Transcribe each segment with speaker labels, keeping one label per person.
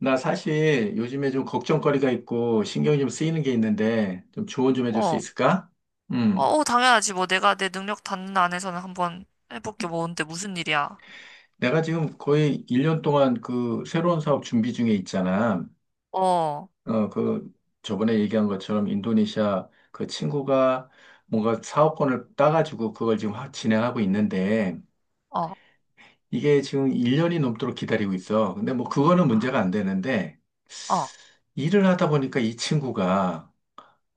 Speaker 1: 나 사실 요즘에 좀 걱정거리가 있고 신경이 좀 쓰이는 게 있는데 좀 조언 좀 해줄 수
Speaker 2: 어,
Speaker 1: 있을까?
Speaker 2: 어,
Speaker 1: 음.
Speaker 2: 당연하지. 뭐 내가 내 능력 닿는 안에서는 한번 해볼게. 뭔데, 무슨 일이야?
Speaker 1: 내가 지금 거의 1년 동안 그 새로운 사업 준비 중에 있잖아.
Speaker 2: 어, 어,
Speaker 1: 그 저번에 얘기한 것처럼 인도네시아 그 친구가 뭔가 사업권을 따가지고 그걸 지금 확 진행하고 있는데 이게 지금 1년이 넘도록 기다리고 있어. 근데 뭐 그거는 문제가
Speaker 2: 아,
Speaker 1: 안 되는데
Speaker 2: 어,
Speaker 1: 일을 하다 보니까 이 친구가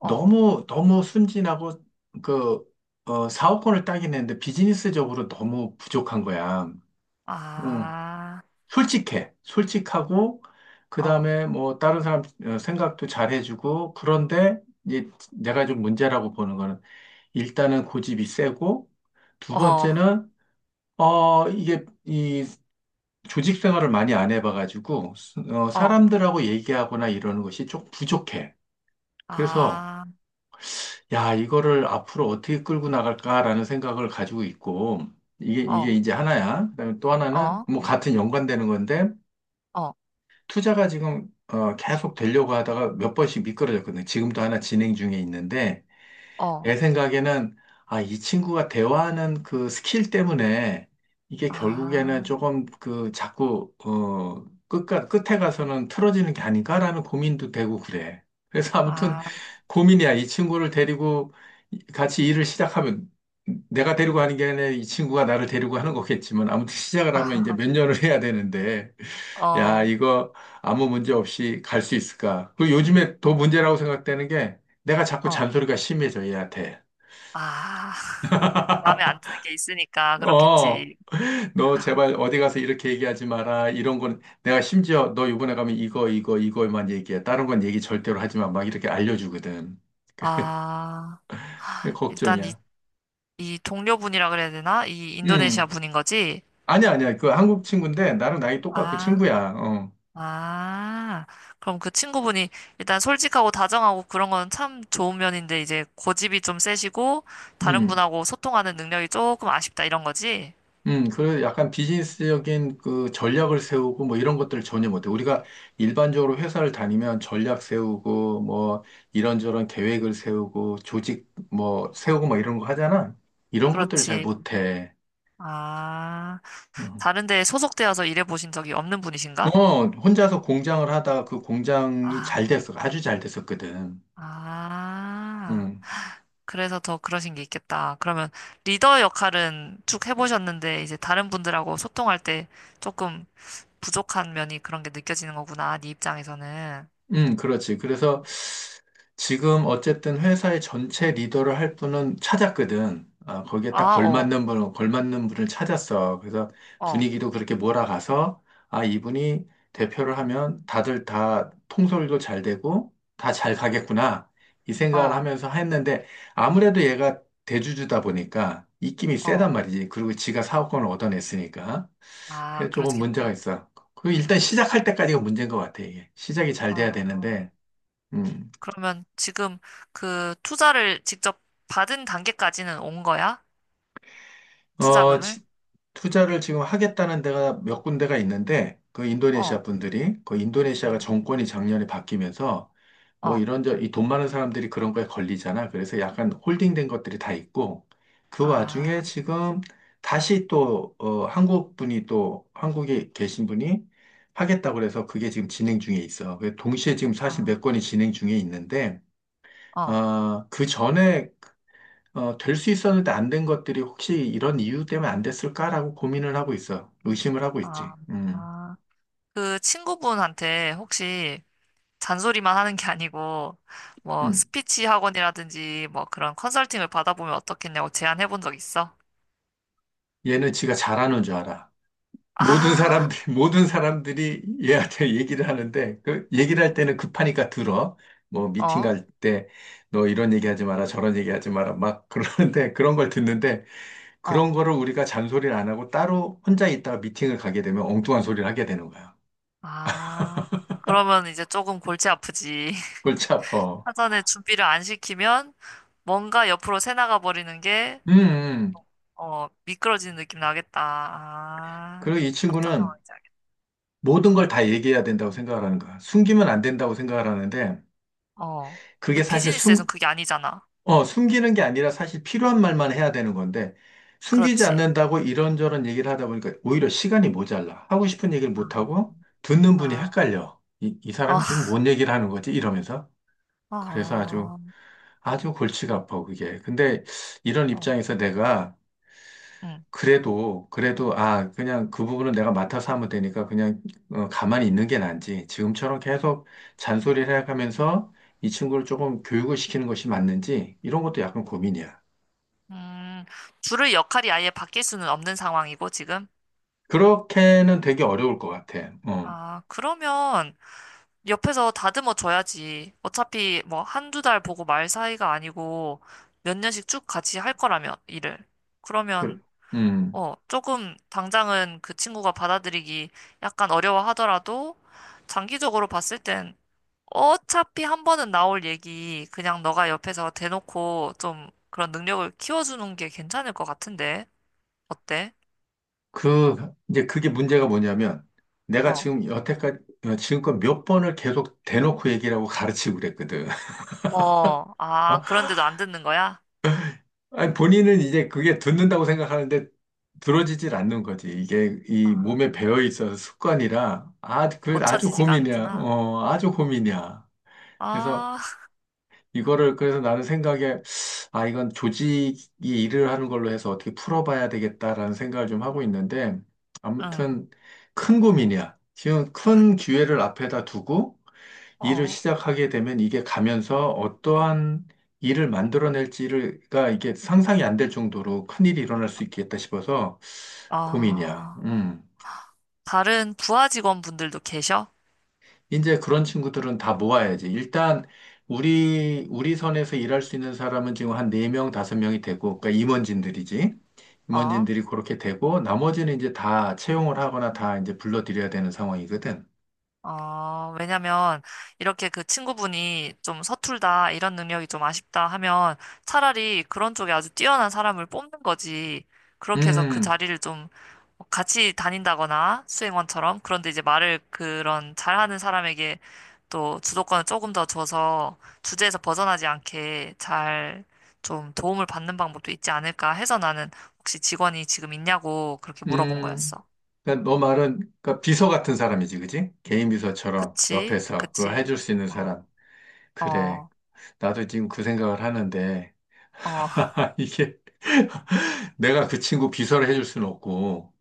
Speaker 2: 어,
Speaker 1: 너무 순진하고, 그, 사업권을 따긴 했는데 비즈니스적으로 너무 부족한 거야. 어,
Speaker 2: 아,
Speaker 1: 솔직해. 솔직하고, 그
Speaker 2: 어,
Speaker 1: 다음에 뭐, 다른 사람 생각도 잘해주고, 그런데, 이제 내가 좀 문제라고 보는 거는, 일단은 고집이 세고, 두
Speaker 2: 어,
Speaker 1: 번째는, 어, 이게, 이, 조직 생활을 많이 안 해봐가지고,
Speaker 2: 어,
Speaker 1: 사람들하고 얘기하거나 이러는 것이 좀 부족해. 그래서,
Speaker 2: 아,
Speaker 1: 야, 이거를 앞으로 어떻게 끌고 나갈까라는 생각을 가지고 있고, 이게
Speaker 2: 어,
Speaker 1: 이제 하나야. 그다음에 또 하나는,
Speaker 2: 어,
Speaker 1: 뭐, 같은 연관되는 건데,
Speaker 2: 어,
Speaker 1: 투자가 지금, 계속 되려고 하다가 몇 번씩 미끄러졌거든요. 지금도 하나 진행 중에 있는데,
Speaker 2: 어,
Speaker 1: 내 생각에는 아, 이 친구가 대화하는 그 스킬 때문에 이게 결국에는
Speaker 2: 아,
Speaker 1: 조금 그 자꾸 어 끝가 끝에 가서는 틀어지는 게 아닌가라는 고민도 되고 그래. 그래서 아무튼
Speaker 2: 아,
Speaker 1: 고민이야. 이 친구를 데리고 같이 일을 시작하면 내가 데리고 하는 게 아니라 이 친구가 나를 데리고 하는 거겠지만 아무튼 시작을 하면 이제 몇 년을 해야 되는데
Speaker 2: 어,
Speaker 1: 야, 이거 아무 문제 없이 갈 수 있을까? 그리고 요즘에 더
Speaker 2: 어,
Speaker 1: 문제라고 생각되는 게 내가 자꾸
Speaker 2: 어,
Speaker 1: 잔소리가 심해져, 얘한테.
Speaker 2: 아. 마음에 안 드는 게 있으니까
Speaker 1: 어,
Speaker 2: 그렇겠지.
Speaker 1: 너 제발 어디 가서 이렇게 얘기하지 마라. 이런 건 내가 심지어 너 이번에 가면 이거, 이거, 이거만 얘기해. 다른 건 얘기 절대로 하지 마. 막 이렇게 알려주거든.
Speaker 2: 아,
Speaker 1: 그게
Speaker 2: 일단 이,
Speaker 1: 걱정이야.
Speaker 2: 이 동료분이라 그래야 되나? 이 인도네시아
Speaker 1: 음.
Speaker 2: 분인 거지?
Speaker 1: 아니야, 아니야. 그 한국 친구인데 나랑 나이 똑같고
Speaker 2: 아.
Speaker 1: 친구야. 어.
Speaker 2: 아, 그럼 그 친구분이 일단 솔직하고 다정하고 그런 건 참 좋은 면인데 이제 고집이 좀 세시고 다른
Speaker 1: 음.
Speaker 2: 분하고 소통하는 능력이 조금 아쉽다 이런 거지?
Speaker 1: 음. 그 약간 비즈니스적인 그 전략을 세우고 뭐 이런 것들을 전혀 못해. 우리가 일반적으로 회사를 다니면 전략 세우고 뭐 이런저런 계획을 세우고 조직 뭐 세우고 뭐 이런 거 하잖아. 이런 것들을 잘
Speaker 2: 그렇지.
Speaker 1: 못해.
Speaker 2: 아,
Speaker 1: 어,
Speaker 2: 다른 데에 소속되어서 일해 보신 적이 없는 분이신가?
Speaker 1: 어, 혼자서 공장을 하다가 그 공장이 잘
Speaker 2: 아,
Speaker 1: 됐어. 아주 잘 됐었거든.
Speaker 2: 아,
Speaker 1: 응.
Speaker 2: 그래서 더 그러신 게 있겠다. 그러면 리더 역할은 쭉 해보셨는데 이제 다른 분들하고 소통할 때 조금 부족한 면이 그런 게 느껴지는 거구나, 네 입장에서는.
Speaker 1: 그렇지. 그래서 지금 어쨌든 회사의 전체 리더를 할 분은 찾았거든. 아, 거기에 딱
Speaker 2: 아, 어,
Speaker 1: 걸맞는 분을 찾았어. 그래서
Speaker 2: 어.
Speaker 1: 분위기도 그렇게 몰아가서, 아, 이분이 대표를 하면 다들 다 통솔도 잘 되고, 다 잘 가겠구나. 이 생각을
Speaker 2: 어,
Speaker 1: 하면서 했는데, 아무래도 얘가 대주주다 보니까 입김이
Speaker 2: 어.
Speaker 1: 세단 말이지. 그리고 지가 사업권을 얻어냈으니까.
Speaker 2: 아,
Speaker 1: 그래서 조금 문제가
Speaker 2: 그렇겠다.
Speaker 1: 있어. 그 일단 시작할 때까지가 문제인 것 같아, 이게. 시작이 잘
Speaker 2: 어,
Speaker 1: 돼야 되는데, 음,
Speaker 2: 그러면 지금 그 투자를 직접 받은 단계까지는 온 거야?
Speaker 1: 어,
Speaker 2: 투자금을?
Speaker 1: 지- 투자를 지금 하겠다는 데가 몇 군데가 있는데, 그 인도네시아
Speaker 2: 어,
Speaker 1: 분들이, 그 인도네시아가
Speaker 2: 응?
Speaker 1: 정권이 작년에 바뀌면서, 뭐
Speaker 2: 어,
Speaker 1: 이런, 이 돈 많은 사람들이 그런 거에 걸리잖아. 그래서 약간 홀딩된 것들이 다 있고, 그 와중에
Speaker 2: 아,
Speaker 1: 지금 다시 또, 한국 분이 또, 한국에 계신 분이 하겠다고 그래서 그게 지금 진행 중에 있어. 그 동시에 지금 사실
Speaker 2: 어,
Speaker 1: 몇 건이 진행 중에 있는데,
Speaker 2: 어,
Speaker 1: 그 전에 될 수 있었는데 안 된 것들이 혹시 이런 이유 때문에 안 됐을까라고 고민을 하고 있어. 의심을 하고 있지.
Speaker 2: 아, 아. 그 친구분한테 혹시 잔소리만 하는 게 아니고 뭐
Speaker 1: 음.
Speaker 2: 스피치 학원이라든지 뭐 그런 컨설팅을 받아보면 어떻겠냐고 제안해 본 적 있어?
Speaker 1: 얘는 지가 잘하는 줄 알아. 모든
Speaker 2: 아,
Speaker 1: 사람들이, 모든 사람들이 얘한테 얘기를 하는데, 그 얘기를 할 때는 급하니까 들어. 뭐, 미팅
Speaker 2: 어,
Speaker 1: 갈 때, 너 이런 얘기 하지 마라, 저런 얘기 하지 마라, 막 그러는데, 그런 걸 듣는데,
Speaker 2: 어,
Speaker 1: 그런 거를 우리가 잔소리를 안 하고 따로 혼자 있다가 미팅을 가게 되면 엉뚱한 소리를 하게 되는 거야.
Speaker 2: 아. 그러면 이제 조금 골치 아프지.
Speaker 1: 골치 아파.
Speaker 2: 사전에 준비를 안 시키면 뭔가 옆으로 새나가 버리는 게,
Speaker 1: 음, 음.
Speaker 2: 어, 미끄러지는 느낌 나겠다. 아,
Speaker 1: 그리고 이
Speaker 2: 어떤
Speaker 1: 친구는
Speaker 2: 상황인지 알겠다.
Speaker 1: 모든 걸 다 얘기해야 된다고 생각을 하는 거야. 숨기면 안 된다고 생각을 하는데,
Speaker 2: 어.
Speaker 1: 그게
Speaker 2: 근데
Speaker 1: 사실 숨,
Speaker 2: 비즈니스에선 그게 아니잖아.
Speaker 1: 어, 숨기는 게 아니라 사실 필요한 말만 해야 되는 건데, 숨기지
Speaker 2: 그렇지.
Speaker 1: 않는다고 이런저런 얘기를 하다 보니까 오히려 시간이 모자라. 하고 싶은 얘기를
Speaker 2: 아,
Speaker 1: 못하고, 듣는 분이
Speaker 2: 아,
Speaker 1: 헷갈려. 이
Speaker 2: 어,
Speaker 1: 사람이 지금 뭔 얘기를 하는 거지? 이러면서. 그래서 아주,
Speaker 2: 어,
Speaker 1: 아주 골치가 아파, 그게. 근데 이런
Speaker 2: 어,
Speaker 1: 입장에서 내가
Speaker 2: 음,
Speaker 1: 그래도, 그래도, 아, 그냥 그 부분은 내가 맡아서 하면 되니까 그냥 가만히 있는 게 나은지 지금처럼 계속 잔소리를 해가면서 이 친구를 조금 교육을 시키는 것이 맞는지 이런 것도 약간 고민이야.
Speaker 2: 음, 줄을 역할이 아예 바뀔 수는 없는 상황이고, 지금.
Speaker 1: 그렇게는 되게 어려울 것 같아.
Speaker 2: 아, 그러면 옆에서 다듬어 줘야지. 어차피 뭐 한두 달 보고 말 사이가 아니고 몇 년씩 쭉 같이 할 거라면, 일을. 그러면
Speaker 1: 그, 음,
Speaker 2: 어, 조금 당장은 그 친구가 받아들이기 약간 어려워하더라도 장기적으로 봤을 땐 어차피 한 번은 나올 얘기 그냥 너가 옆에서 대놓고 좀 그런 능력을 키워주는 게 괜찮을 것 같은데 어때?
Speaker 1: 그, 이제 그게 문제가 뭐냐면 내가
Speaker 2: 어,
Speaker 1: 지금 여태까지, 지금껏 몇 번을 계속 대놓고 얘기를 하고 가르치고 그랬거든.
Speaker 2: 어, 아, 그런데도 안 듣는 거야?
Speaker 1: 아니, 본인은 이제 그게 듣는다고 생각하는데 들어지질 않는 거지. 이게
Speaker 2: 아,
Speaker 1: 이 몸에 배어 있어서 습관이라 아, 아주
Speaker 2: 고쳐지지가
Speaker 1: 고민이야.
Speaker 2: 않구나.
Speaker 1: 아주 고민이야. 그래서
Speaker 2: 아,
Speaker 1: 이거를 그래서 나는 생각에 아, 이건 조직이 일을 하는 걸로 해서 어떻게 풀어봐야 되겠다라는 생각을 좀 하고 있는데
Speaker 2: 응,
Speaker 1: 아무튼 큰 고민이야. 지금 큰 기회를 앞에다 두고 일을
Speaker 2: 어,
Speaker 1: 시작하게 되면 이게 가면서 어떠한 일을 만들어낼지가 이게 상상이 안될 정도로 큰일이 일어날 수 있겠다 싶어서 고민이야.
Speaker 2: 아,
Speaker 1: 음.
Speaker 2: 다른 부하 직원분들도 계셔?
Speaker 1: 이제 그런 친구들은 다 모아야지. 일단 우리 선에서 일할 수 있는 사람은 지금 한 네 명 다섯 명이 되고 그러니까 임원진들이지.
Speaker 2: 어?
Speaker 1: 임원진들이 그렇게 되고 나머지는 이제 다 채용을 하거나 다 이제 불러들여야 되는 상황이거든.
Speaker 2: 어, 왜냐면 이렇게 그 친구분이 좀 서툴다, 이런 능력이 좀 아쉽다 하면 차라리 그런 쪽에 아주 뛰어난 사람을 뽑는 거지. 그렇게 해서 그
Speaker 1: 음.
Speaker 2: 자리를 좀 같이 다닌다거나 수행원처럼 그런데 이제 말을 그런 잘하는 사람에게 또 주도권을 조금 더 줘서 주제에서 벗어나지 않게 잘 좀 도움을 받는 방법도 있지 않을까 해서 나는 혹시 직원이 지금 있냐고 그렇게
Speaker 1: 음.
Speaker 2: 물어본
Speaker 1: 음.
Speaker 2: 거였어.
Speaker 1: 그러니까 너 말은 그러니까 비서 같은 사람이지, 그지? 개인 비서처럼
Speaker 2: 그치?
Speaker 1: 옆에서 그걸
Speaker 2: 그치?
Speaker 1: 해줄 수 있는
Speaker 2: 어,
Speaker 1: 사람. 그래.
Speaker 2: 어.
Speaker 1: 나도 지금 그 생각을 하는데
Speaker 2: 어,
Speaker 1: 이게 내가 그 친구 비서를 해줄 수는 없고.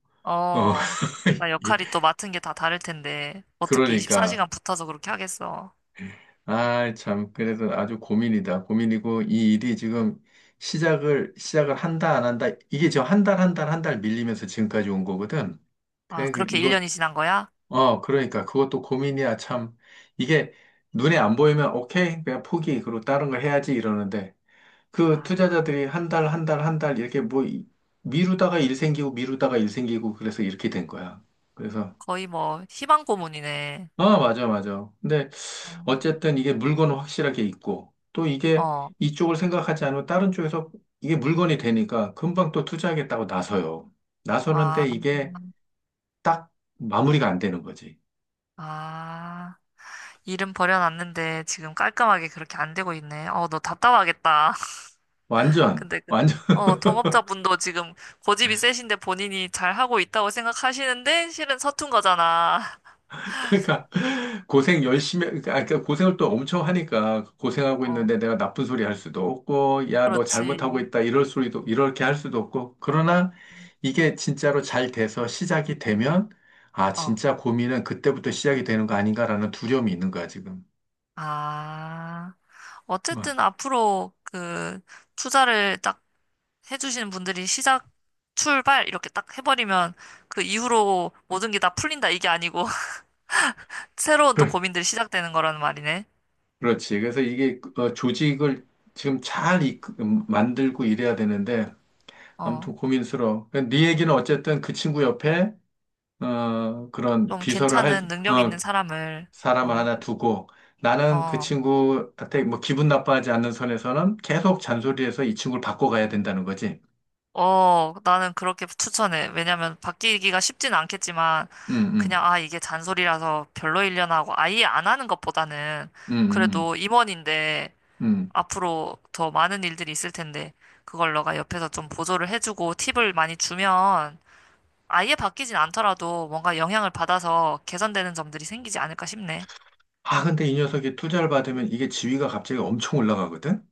Speaker 1: 어.
Speaker 2: 어. 나
Speaker 1: 이-
Speaker 2: 역할이 또 맡은 게 다 다를 텐데, 어떻게
Speaker 1: 그러니까
Speaker 2: 24시간 붙어서 그렇게 하겠어.
Speaker 1: 아, 참 그래도 아주 고민이다. 고민이고 이 일이 지금 시작을 한다 안 한다 이게 지금 한 달 한 달 한 달 밀리면서 지금까지 온 거거든.
Speaker 2: 아,
Speaker 1: 그래 그-
Speaker 2: 그렇게
Speaker 1: 이거
Speaker 2: 1년이 지난 거야?
Speaker 1: 그러니까 그것도 고민이야, 참. 이게 눈에 안 보이면 오케이, 그냥 포기, 그리고 다른 걸 해야지 이러는데 그
Speaker 2: 아,
Speaker 1: 투자자들이 한 달, 한 달, 한 달 이렇게 미루다가 일 생기고 미루다가 일 생기고 그래서 이렇게 된 거야. 그래서
Speaker 2: 거의 뭐, 희망 고문이네.
Speaker 1: 아, 맞아, 맞아. 근데
Speaker 2: 어,
Speaker 1: 어쨌든 이게 물건은 확실하게 있고 또 이게
Speaker 2: 어.
Speaker 1: 이쪽을 생각하지 않으면 다른 쪽에서 이게 물건이 되니까 금방 또 투자하겠다고 나서요.
Speaker 2: 아,
Speaker 1: 나서는데 이게 딱 마무리가 안 되는 거지.
Speaker 2: 아. 일은 버려놨는데, 지금 깔끔하게 그렇게 안 되고 있네. 어, 너 답답하겠다.
Speaker 1: 완전
Speaker 2: 근데 그,
Speaker 1: 완전
Speaker 2: 어, 동업자분도 지금 고집이 세신데 본인이 잘 하고 있다고 생각하시는데, 실은 서툰 거잖아.
Speaker 1: 그러니까 고생 열심히 그러니까, 아, 그러니까 그 고생을 또 엄청 하니까 고생하고
Speaker 2: 어,
Speaker 1: 있는데 내가 나쁜 소리 할 수도 없고 야 너 잘못하고
Speaker 2: 그렇지.
Speaker 1: 있다 이럴 소리도 이렇게 할 수도 없고 그러나 이게 진짜로 잘 돼서 시작이 되면 아
Speaker 2: 어,
Speaker 1: 진짜 고민은 그때부터 시작이 되는 거 아닌가라는 두려움이 있는 거야 지금.
Speaker 2: 아.
Speaker 1: 와.
Speaker 2: 어쨌든 앞으로 그 투자를 딱 해주시는 분들이 시작, 출발 이렇게 딱 해버리면 그 이후로 모든 게 다 풀린다 이게 아니고 새로운 또 고민들이 시작되는 거라는 말이네.
Speaker 1: 그렇지. 그래서 이게 조직을 지금 잘 만들고 이래야 되는데
Speaker 2: 어,
Speaker 1: 아무튼 고민스러워. 그러니까 네 얘기는 어쨌든 그 친구 옆에 그런
Speaker 2: 좀
Speaker 1: 비서를 할,
Speaker 2: 괜찮은 능력
Speaker 1: 어,
Speaker 2: 있는 사람을
Speaker 1: 사람
Speaker 2: 어,
Speaker 1: 하나 두고 나는 그
Speaker 2: 어,
Speaker 1: 친구한테 뭐 기분 나빠하지 않는 선에서는 계속 잔소리해서 이 친구를 바꿔가야 된다는 거지.
Speaker 2: 어, 나는 그렇게 추천해. 왜냐면 바뀌기가 쉽진 않겠지만
Speaker 1: 음, 음,
Speaker 2: 그냥 아 이게 잔소리라서 별로 일려나 하고 아예 안 하는 것보다는
Speaker 1: 음, 음, 음.
Speaker 2: 그래도 임원인데
Speaker 1: 음.
Speaker 2: 앞으로 더 많은 일들이 있을 텐데 그걸 너가 옆에서 좀 보조를 해주고 팁을 많이 주면 아예 바뀌진 않더라도 뭔가 영향을 받아서 개선되는 점들이 생기지 않을까 싶네.
Speaker 1: 아, 근데 이 녀석이 투자를 받으면 이게 지위가 갑자기 엄청 올라가거든?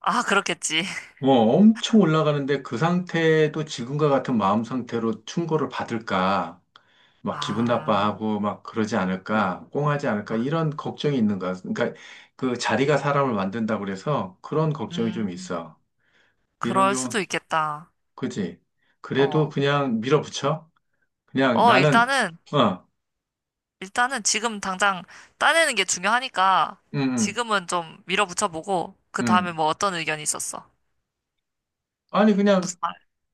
Speaker 2: 아, 그렇겠지.
Speaker 1: 어, 엄청 올라가는데 그 상태도 지금과 같은 마음 상태로 충고를 받을까? 막 기분
Speaker 2: 아,
Speaker 1: 나빠하고 막 그러지 않을까? 꽁하지 않을까?
Speaker 2: 아,
Speaker 1: 이런 걱정이 있는가? 그러니까 그 자리가 사람을 만든다고 그래서 그런 걱정이 좀
Speaker 2: 음,
Speaker 1: 있어. 이런
Speaker 2: 그럴
Speaker 1: 경우
Speaker 2: 수도 있겠다.
Speaker 1: 그지? 그래도
Speaker 2: 어,
Speaker 1: 그냥 밀어붙여? 그냥
Speaker 2: 어,
Speaker 1: 나는,
Speaker 2: 일단은,
Speaker 1: 어,
Speaker 2: 일단은 지금 당장 따내는 게 중요하니까
Speaker 1: 음, 음,
Speaker 2: 지금은 좀 밀어붙여보고 그 다음에
Speaker 1: 음.
Speaker 2: 뭐 어떤 의견이 있었어?
Speaker 1: 아니, 그냥,
Speaker 2: 무슨 말?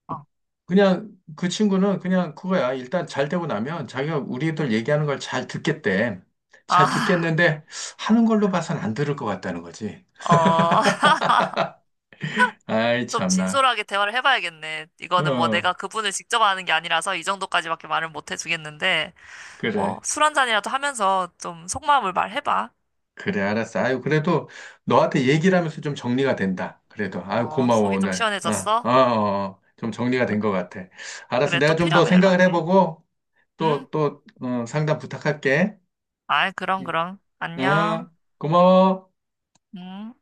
Speaker 2: 어,
Speaker 1: 그 친구는 그냥 그거야. 일단 잘 되고 나면 자기가 우리들 얘기하는 걸 잘 듣겠대. 잘
Speaker 2: 아,
Speaker 1: 듣겠는데 하는 걸로 봐선 안 들을 것 같다는 거지.
Speaker 2: 어.
Speaker 1: 아이,
Speaker 2: 좀
Speaker 1: 참나.
Speaker 2: 진솔하게 대화를 해봐야겠네. 이거는 뭐
Speaker 1: 어,
Speaker 2: 내가 그분을 직접 아는 게 아니라서 이 정도까지밖에 말을 못 해주겠는데, 뭐
Speaker 1: 그래.
Speaker 2: 술 한잔이라도 하면서 좀 속마음을 말해봐.
Speaker 1: 그래, 알았어. 아유, 그래도 너한테 얘기를 하면서 좀 정리가 된다. 그래도. 아유,
Speaker 2: 어,
Speaker 1: 고마워,
Speaker 2: 속이 좀
Speaker 1: 오늘. 어,
Speaker 2: 시원해졌어?
Speaker 1: 어, 어. 좀 정리가 된 것 같아. 알았어.
Speaker 2: 그래,
Speaker 1: 내가
Speaker 2: 또
Speaker 1: 좀 더
Speaker 2: 필요하면
Speaker 1: 생각을
Speaker 2: 연락해.
Speaker 1: 해보고,
Speaker 2: 응?
Speaker 1: 또, 상담 부탁할게.
Speaker 2: 아이, 그럼,
Speaker 1: 예.
Speaker 2: 그럼. 안녕.
Speaker 1: 어, 고마워.
Speaker 2: 응?